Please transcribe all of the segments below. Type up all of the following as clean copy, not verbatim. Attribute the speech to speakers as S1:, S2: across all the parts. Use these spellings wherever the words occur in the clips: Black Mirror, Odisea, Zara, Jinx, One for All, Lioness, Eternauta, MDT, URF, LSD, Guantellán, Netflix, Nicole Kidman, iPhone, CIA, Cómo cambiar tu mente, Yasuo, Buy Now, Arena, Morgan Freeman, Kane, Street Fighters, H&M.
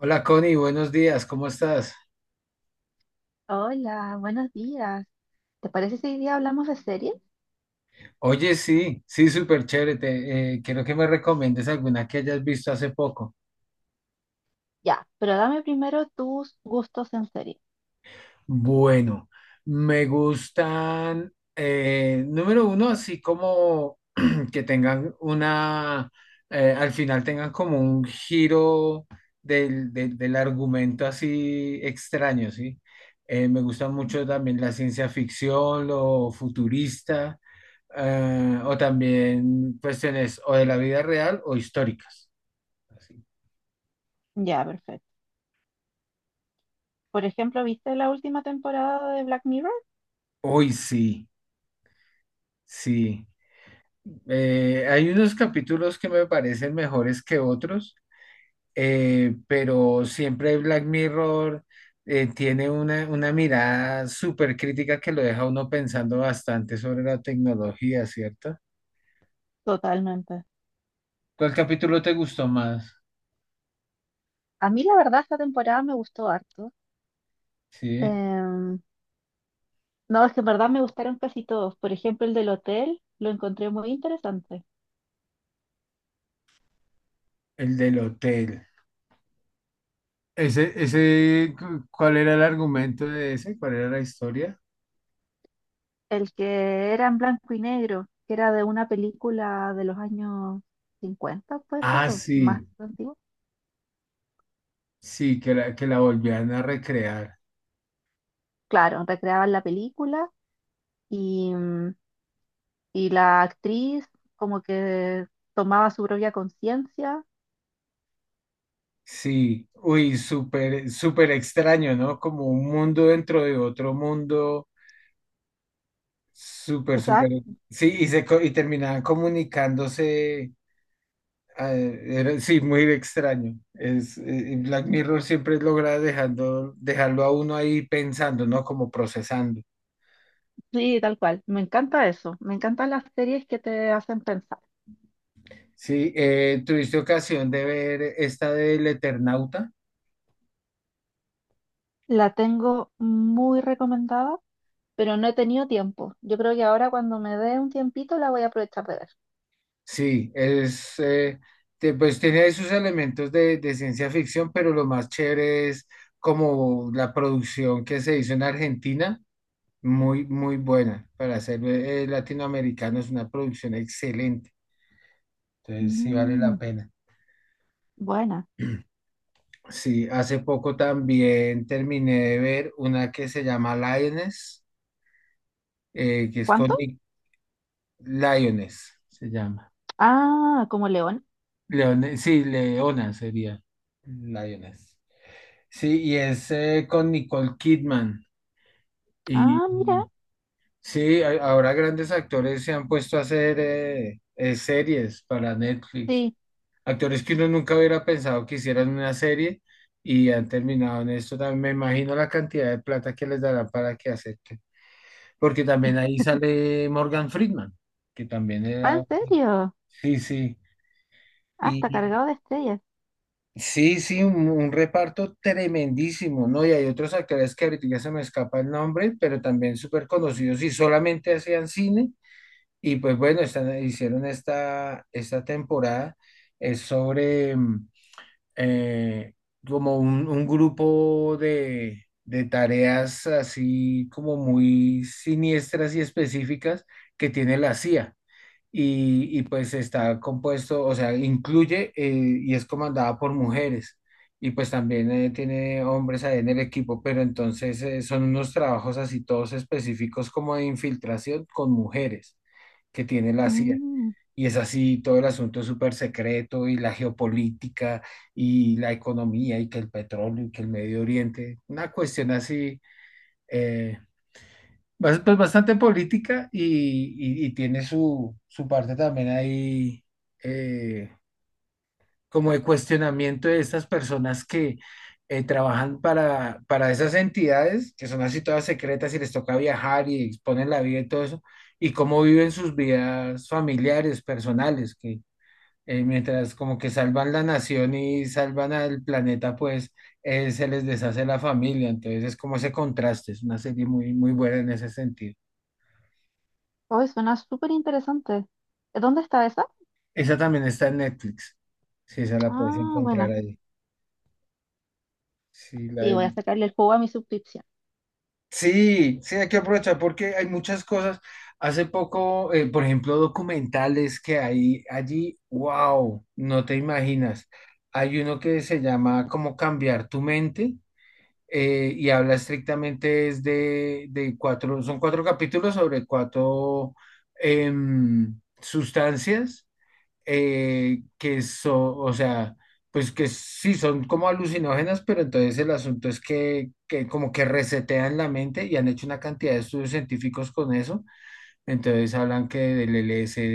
S1: Hola Connie, buenos días, ¿cómo estás?
S2: Hola, buenos días. ¿Te parece si hoy día hablamos de series?
S1: Oye, sí, sí, súper chévere. Quiero que me recomiendes alguna que hayas visto hace poco.
S2: Ya, pero dame primero tus gustos en serie.
S1: Bueno, me gustan, número uno, así como que tengan una, al final tengan como un giro del argumento así extraño, ¿sí? Me gusta mucho también la ciencia ficción, lo futurista, o también cuestiones o de la vida real o históricas, así.
S2: Ya, perfecto. Por ejemplo, ¿viste la última temporada de Black Mirror?
S1: Uy, sí, sí. Hay unos capítulos que me parecen mejores que otros, pero siempre Black Mirror tiene una mirada súper crítica que lo deja a uno pensando bastante sobre la tecnología, ¿cierto?
S2: Totalmente.
S1: ¿Cuál capítulo te gustó más?
S2: A mí la verdad esta temporada me gustó harto.
S1: Sí,
S2: Em, no, es que en verdad me gustaron casi todos. Por ejemplo, el del hotel lo encontré muy interesante.
S1: el del hotel. ¿Cuál era el argumento de ese? ¿Cuál era la historia?
S2: El que era en blanco y negro, que era de una película de los años 50, puede
S1: Ah,
S2: ser, o más
S1: sí,
S2: antiguo.
S1: sí, que la volvían a recrear.
S2: Claro, recreaban la película. Y mm, y la actriz como que tomaba su propia conciencia.
S1: Sí, uy, súper, súper extraño, ¿no? Como un mundo dentro de otro mundo, súper, súper.
S2: Exacto,
S1: Sí, y terminaban comunicándose. Sí, muy extraño. Y Black Mirror siempre logra dejarlo a uno ahí pensando, ¿no? Como procesando.
S2: sí, tal cual. Me encanta eso. Me encantan las series que te hacen pensar.
S1: Sí, ¿tuviste ocasión de ver esta del Eternauta?
S2: La tengo muy recomendada, pero no he tenido tiempo. Yo creo que ahora cuando me dé un tiempito la voy a aprovechar de ver.
S1: Sí, pues tiene sus elementos de ciencia ficción, pero lo más chévere es como la producción que se hizo en Argentina, muy, muy buena. Para ser latinoamericano es una producción excelente, entonces sí vale la
S2: Mm,
S1: pena.
S2: buena.
S1: Sí, hace poco también terminé de ver una que se llama Lioness, que es con
S2: ¿Cuánto?
S1: Nick. Lioness, se llama.
S2: Ah, como León.
S1: Sí, Leona sería. Lioness. Sí, y es con Nicole Kidman. Y
S2: Ah,
S1: mm,
S2: mira.
S1: sí, ahora grandes actores se han puesto a hacer series para Netflix.
S2: Sí.
S1: Actores que uno nunca hubiera pensado que hicieran una serie y han terminado en esto. También me imagino la cantidad de plata que les dará para que acepten. Porque también ahí sale Morgan Freeman, que también
S2: Ah, ¿en
S1: era.
S2: serio?
S1: Sí,
S2: Ah, está
S1: sí.
S2: cargado de estrellas.
S1: Sí, sí, un reparto tremendísimo, ¿no? Y hay otros actores que ahorita ya se me escapa el nombre, pero también súper conocidos y solamente hacían cine. Y pues bueno, hicieron esta temporada, es sobre eh, como un grupo de tareas así como muy siniestras y específicas que tiene la CIA pues está compuesto, o sea, incluye y es comandada por mujeres y pues también tiene hombres ahí en el equipo, pero entonces son unos trabajos así todos específicos como de infiltración con mujeres que tiene la CIA.
S2: Mm.
S1: Y es así, todo el asunto es súper secreto, y la geopolítica y la economía y que el petróleo y que el Medio Oriente, una cuestión así. eh, Pues bastante política y tiene su parte también ahí, eh, como de cuestionamiento de estas personas que trabajan para esas entidades que son así todas secretas y les toca viajar y exponen la vida y todo eso, y cómo viven sus vidas familiares, personales, que mientras como que salvan la nación y salvan al planeta, pues se les deshace la familia, entonces es como ese contraste, es una serie muy, muy buena en ese sentido.
S2: Hoy suena súper interesante. ¿Dónde está esa?
S1: Esa también está en Netflix. Sí, esa la puedes
S2: Ah,
S1: encontrar
S2: buena.
S1: ahí. Sí, la
S2: Sí,
S1: he
S2: voy a sacarle el juego a mi suscripción.
S1: sí, sí, hay que aprovechar porque hay muchas cosas. Hace poco, por ejemplo, documentales que hay allí, wow, no te imaginas. Hay uno que se llama Cómo cambiar tu mente, y habla, estrictamente es de son cuatro capítulos sobre cuatro sustancias, que son, o sea, pues que sí son como alucinógenas, pero entonces el asunto es que como que resetean la mente, y han hecho una cantidad de estudios científicos con eso. Entonces hablan que del LSD,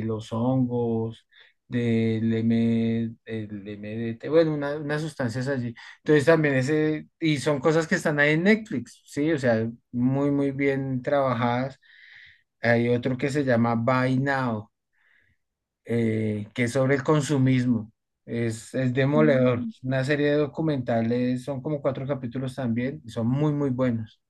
S1: de los hongos, el MDT, bueno, unas sustancias allí. Entonces también ese, y son cosas que están ahí en Netflix, sí, o sea, muy, muy bien trabajadas. Hay otro que se llama Buy Now, que es sobre el consumismo. Es demoledor.
S2: Mm,
S1: Una serie de documentales, son como cuatro capítulos también, y son muy, muy buenos.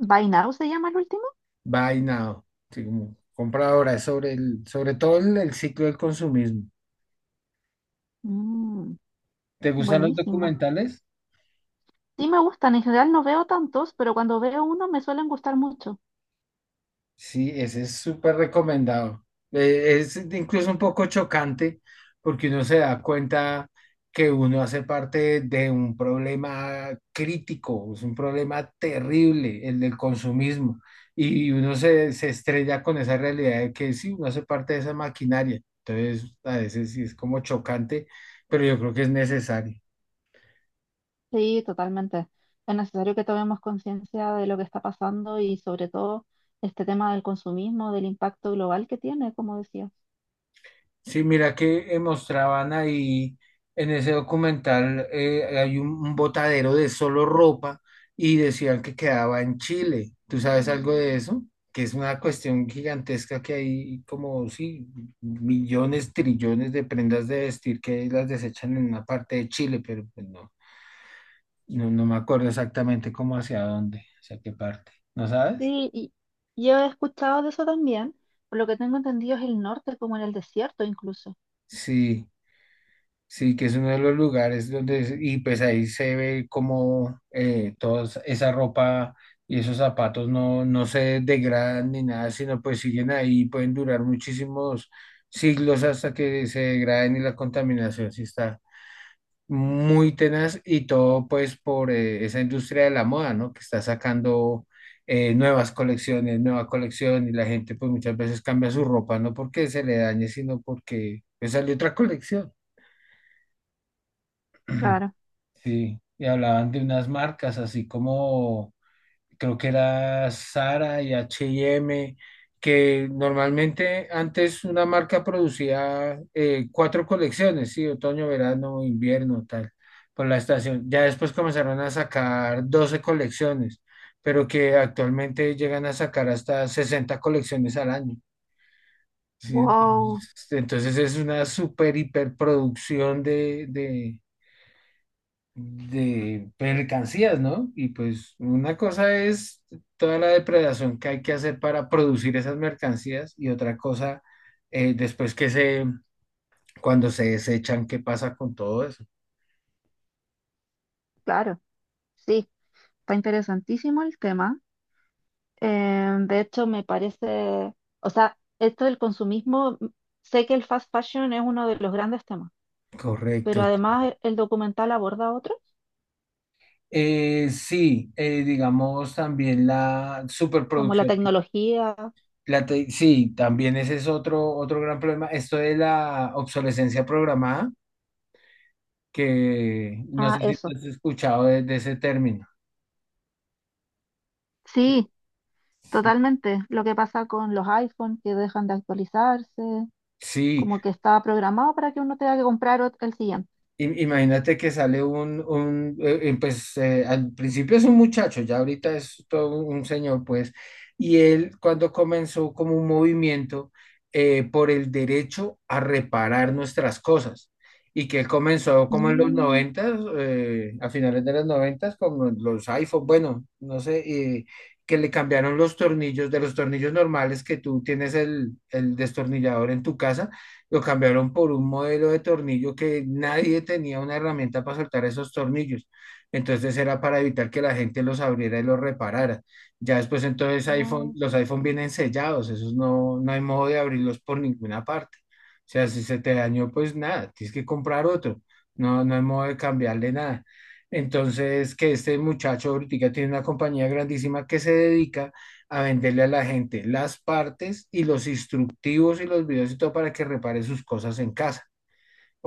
S2: Buy Now se llama el último.
S1: Buy Now, sí, como compra ahora, es sobre todo el ciclo del consumismo.
S2: Mm,
S1: ¿Te gustan los
S2: buenísimo.
S1: documentales?
S2: Sí me gustan, en general no veo tantos, pero cuando veo uno me suelen gustar mucho.
S1: Sí, ese es súper recomendado. Es incluso un poco chocante porque uno se da cuenta que uno hace parte de un problema crítico, es un problema terrible, el del consumismo, y uno se estrella con esa realidad de que sí, uno hace parte de esa maquinaria. Entonces, a veces sí es como chocante, pero yo creo que es necesario.
S2: Sí, totalmente. Es necesario que tomemos conciencia de lo que está pasando y sobre todo este tema del consumismo, del impacto global que tiene, como decías.
S1: Sí, mira que mostraban ahí en ese documental, hay un botadero de solo ropa, y decían que quedaba en Chile. ¿Tú sabes algo de eso? Que es una cuestión gigantesca que hay como, sí, millones, trillones de prendas de vestir que las desechan en una parte de Chile, pero pues no, no, no me acuerdo exactamente cómo hacia dónde, hacia qué parte. ¿No sabes?
S2: Sí, y yo he escuchado de eso también. Por lo que tengo entendido es el norte, como en el desierto incluso.
S1: Sí. Sí, que es uno de los lugares donde, y pues ahí se ve como toda esa ropa y esos zapatos no, no se degradan ni nada, sino pues siguen ahí, pueden durar muchísimos siglos hasta que se degraden, y la contaminación sí está muy tenaz y todo pues por esa industria de la moda, ¿no? Que está sacando nuevas colecciones, nueva colección, y la gente pues muchas veces cambia su ropa, no porque se le dañe, sino porque pues sale otra colección.
S2: Claro.
S1: Sí, y hablaban de unas marcas, así como creo que era Zara y H&M, que normalmente antes una marca producía cuatro colecciones, sí, otoño, verano, invierno, tal, por la estación. Ya después comenzaron a sacar 12 colecciones, pero que actualmente llegan a sacar hasta 60 colecciones al año. Sí,
S2: Wow,
S1: entonces es una super hiperproducción de mercancías, ¿no? Y pues una cosa es toda la depredación que hay que hacer para producir esas mercancías, y otra cosa, después que se, cuando se desechan, ¿qué pasa con todo eso?
S2: claro. Sí, está interesantísimo el tema. De hecho, me parece, o sea, esto del consumismo, sé que el fast fashion es uno de los grandes temas, pero
S1: Correcto.
S2: además el documental aborda otros,
S1: Sí, digamos también la
S2: como la
S1: superproducción.
S2: tecnología,
S1: Sí, también ese es otro gran problema. Esto de la obsolescencia programada, que no sé
S2: ah,
S1: si
S2: eso.
S1: has escuchado de ese término.
S2: Sí, totalmente. Lo que pasa con los iPhones que dejan de actualizarse,
S1: Sí,
S2: como que está programado para que uno tenga que comprar el siguiente.
S1: imagínate que sale un pues al principio es un muchacho, ya ahorita es todo un señor, pues, y él cuando comenzó como un movimiento por el derecho a reparar nuestras cosas, y que él comenzó como en los
S2: Mm,
S1: 90, a finales de los 90, con los iPhone, bueno, no sé, eh, que le cambiaron los tornillos, de los tornillos normales que tú tienes el destornillador en tu casa, lo cambiaron por un modelo de tornillo que nadie tenía una herramienta para soltar esos tornillos. Entonces era para evitar que la gente los abriera y los reparara. Ya después entonces
S2: oh,
S1: los iPhone vienen sellados, esos no, no hay modo de abrirlos por ninguna parte. O sea, si se te dañó, pues nada, tienes que comprar otro. No, no hay modo de cambiarle nada. Entonces, que este muchacho ahorita tiene una compañía grandísima que se dedica a venderle a la gente las partes y los instructivos y los videos y todo para que repare sus cosas en casa.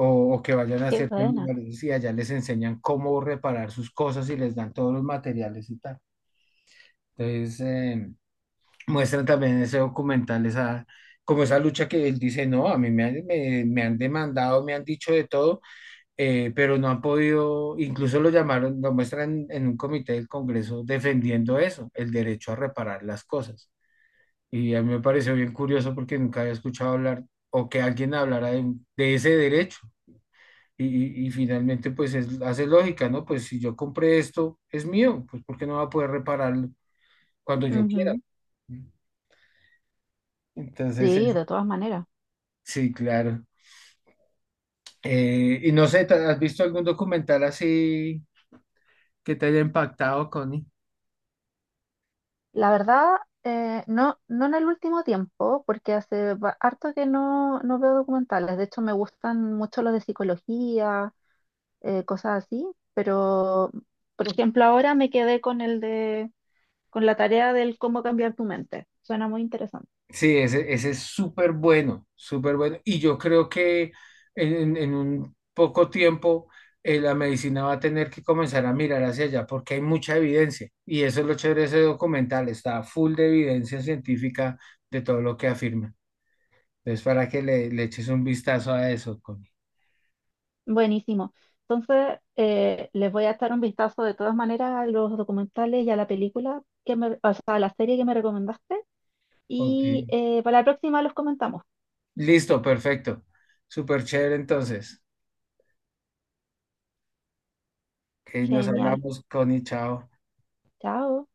S1: O, o que vayan a
S2: qué
S1: ciertos
S2: buena.
S1: lugares y allá les enseñan cómo reparar sus cosas y les dan todos los materiales y tal. Entonces, muestran también en ese documental esa, como esa lucha que él dice, no, a mí me han, me han demandado, me han dicho de todo, pero no han podido, incluso lo llamaron, lo muestran en un comité del Congreso defendiendo eso, el derecho a reparar las cosas. Y a mí me pareció bien curioso porque nunca había escuchado hablar o que alguien hablara de ese derecho. Y finalmente, pues hace lógica, ¿no? Pues si yo compré esto, es mío, pues ¿por qué no va a poder repararlo cuando yo quiera?
S2: Ujú.
S1: Entonces,
S2: Sí, de todas maneras.
S1: sí, claro. Y no sé, ¿has visto algún documental así que te haya impactado, Connie?
S2: La verdad, no, no en el último tiempo, porque hace harto que no veo documentales. De hecho, me gustan mucho los de psicología, cosas así, pero, por ejemplo, ahora me quedé con la tarea del cómo cambiar tu mente. Suena muy interesante.
S1: Sí, ese es súper bueno, súper bueno. Y yo creo que en un poco tiempo la medicina va a tener que comenzar a mirar hacia allá porque hay mucha evidencia. Y eso es lo chévere de ese documental, está full de evidencia científica de todo lo que afirma. Entonces, para que le eches un vistazo a eso, Connie.
S2: Buenísimo. Entonces, les voy a echar un vistazo de todas maneras a los documentales y a la película que me, o sea, a la serie que me recomendaste.
S1: Ok.
S2: Y para la próxima los comentamos.
S1: Listo, perfecto. Súper chévere entonces. Ok, nos
S2: Genial.
S1: hablamos, Connie, chao.
S2: Chao.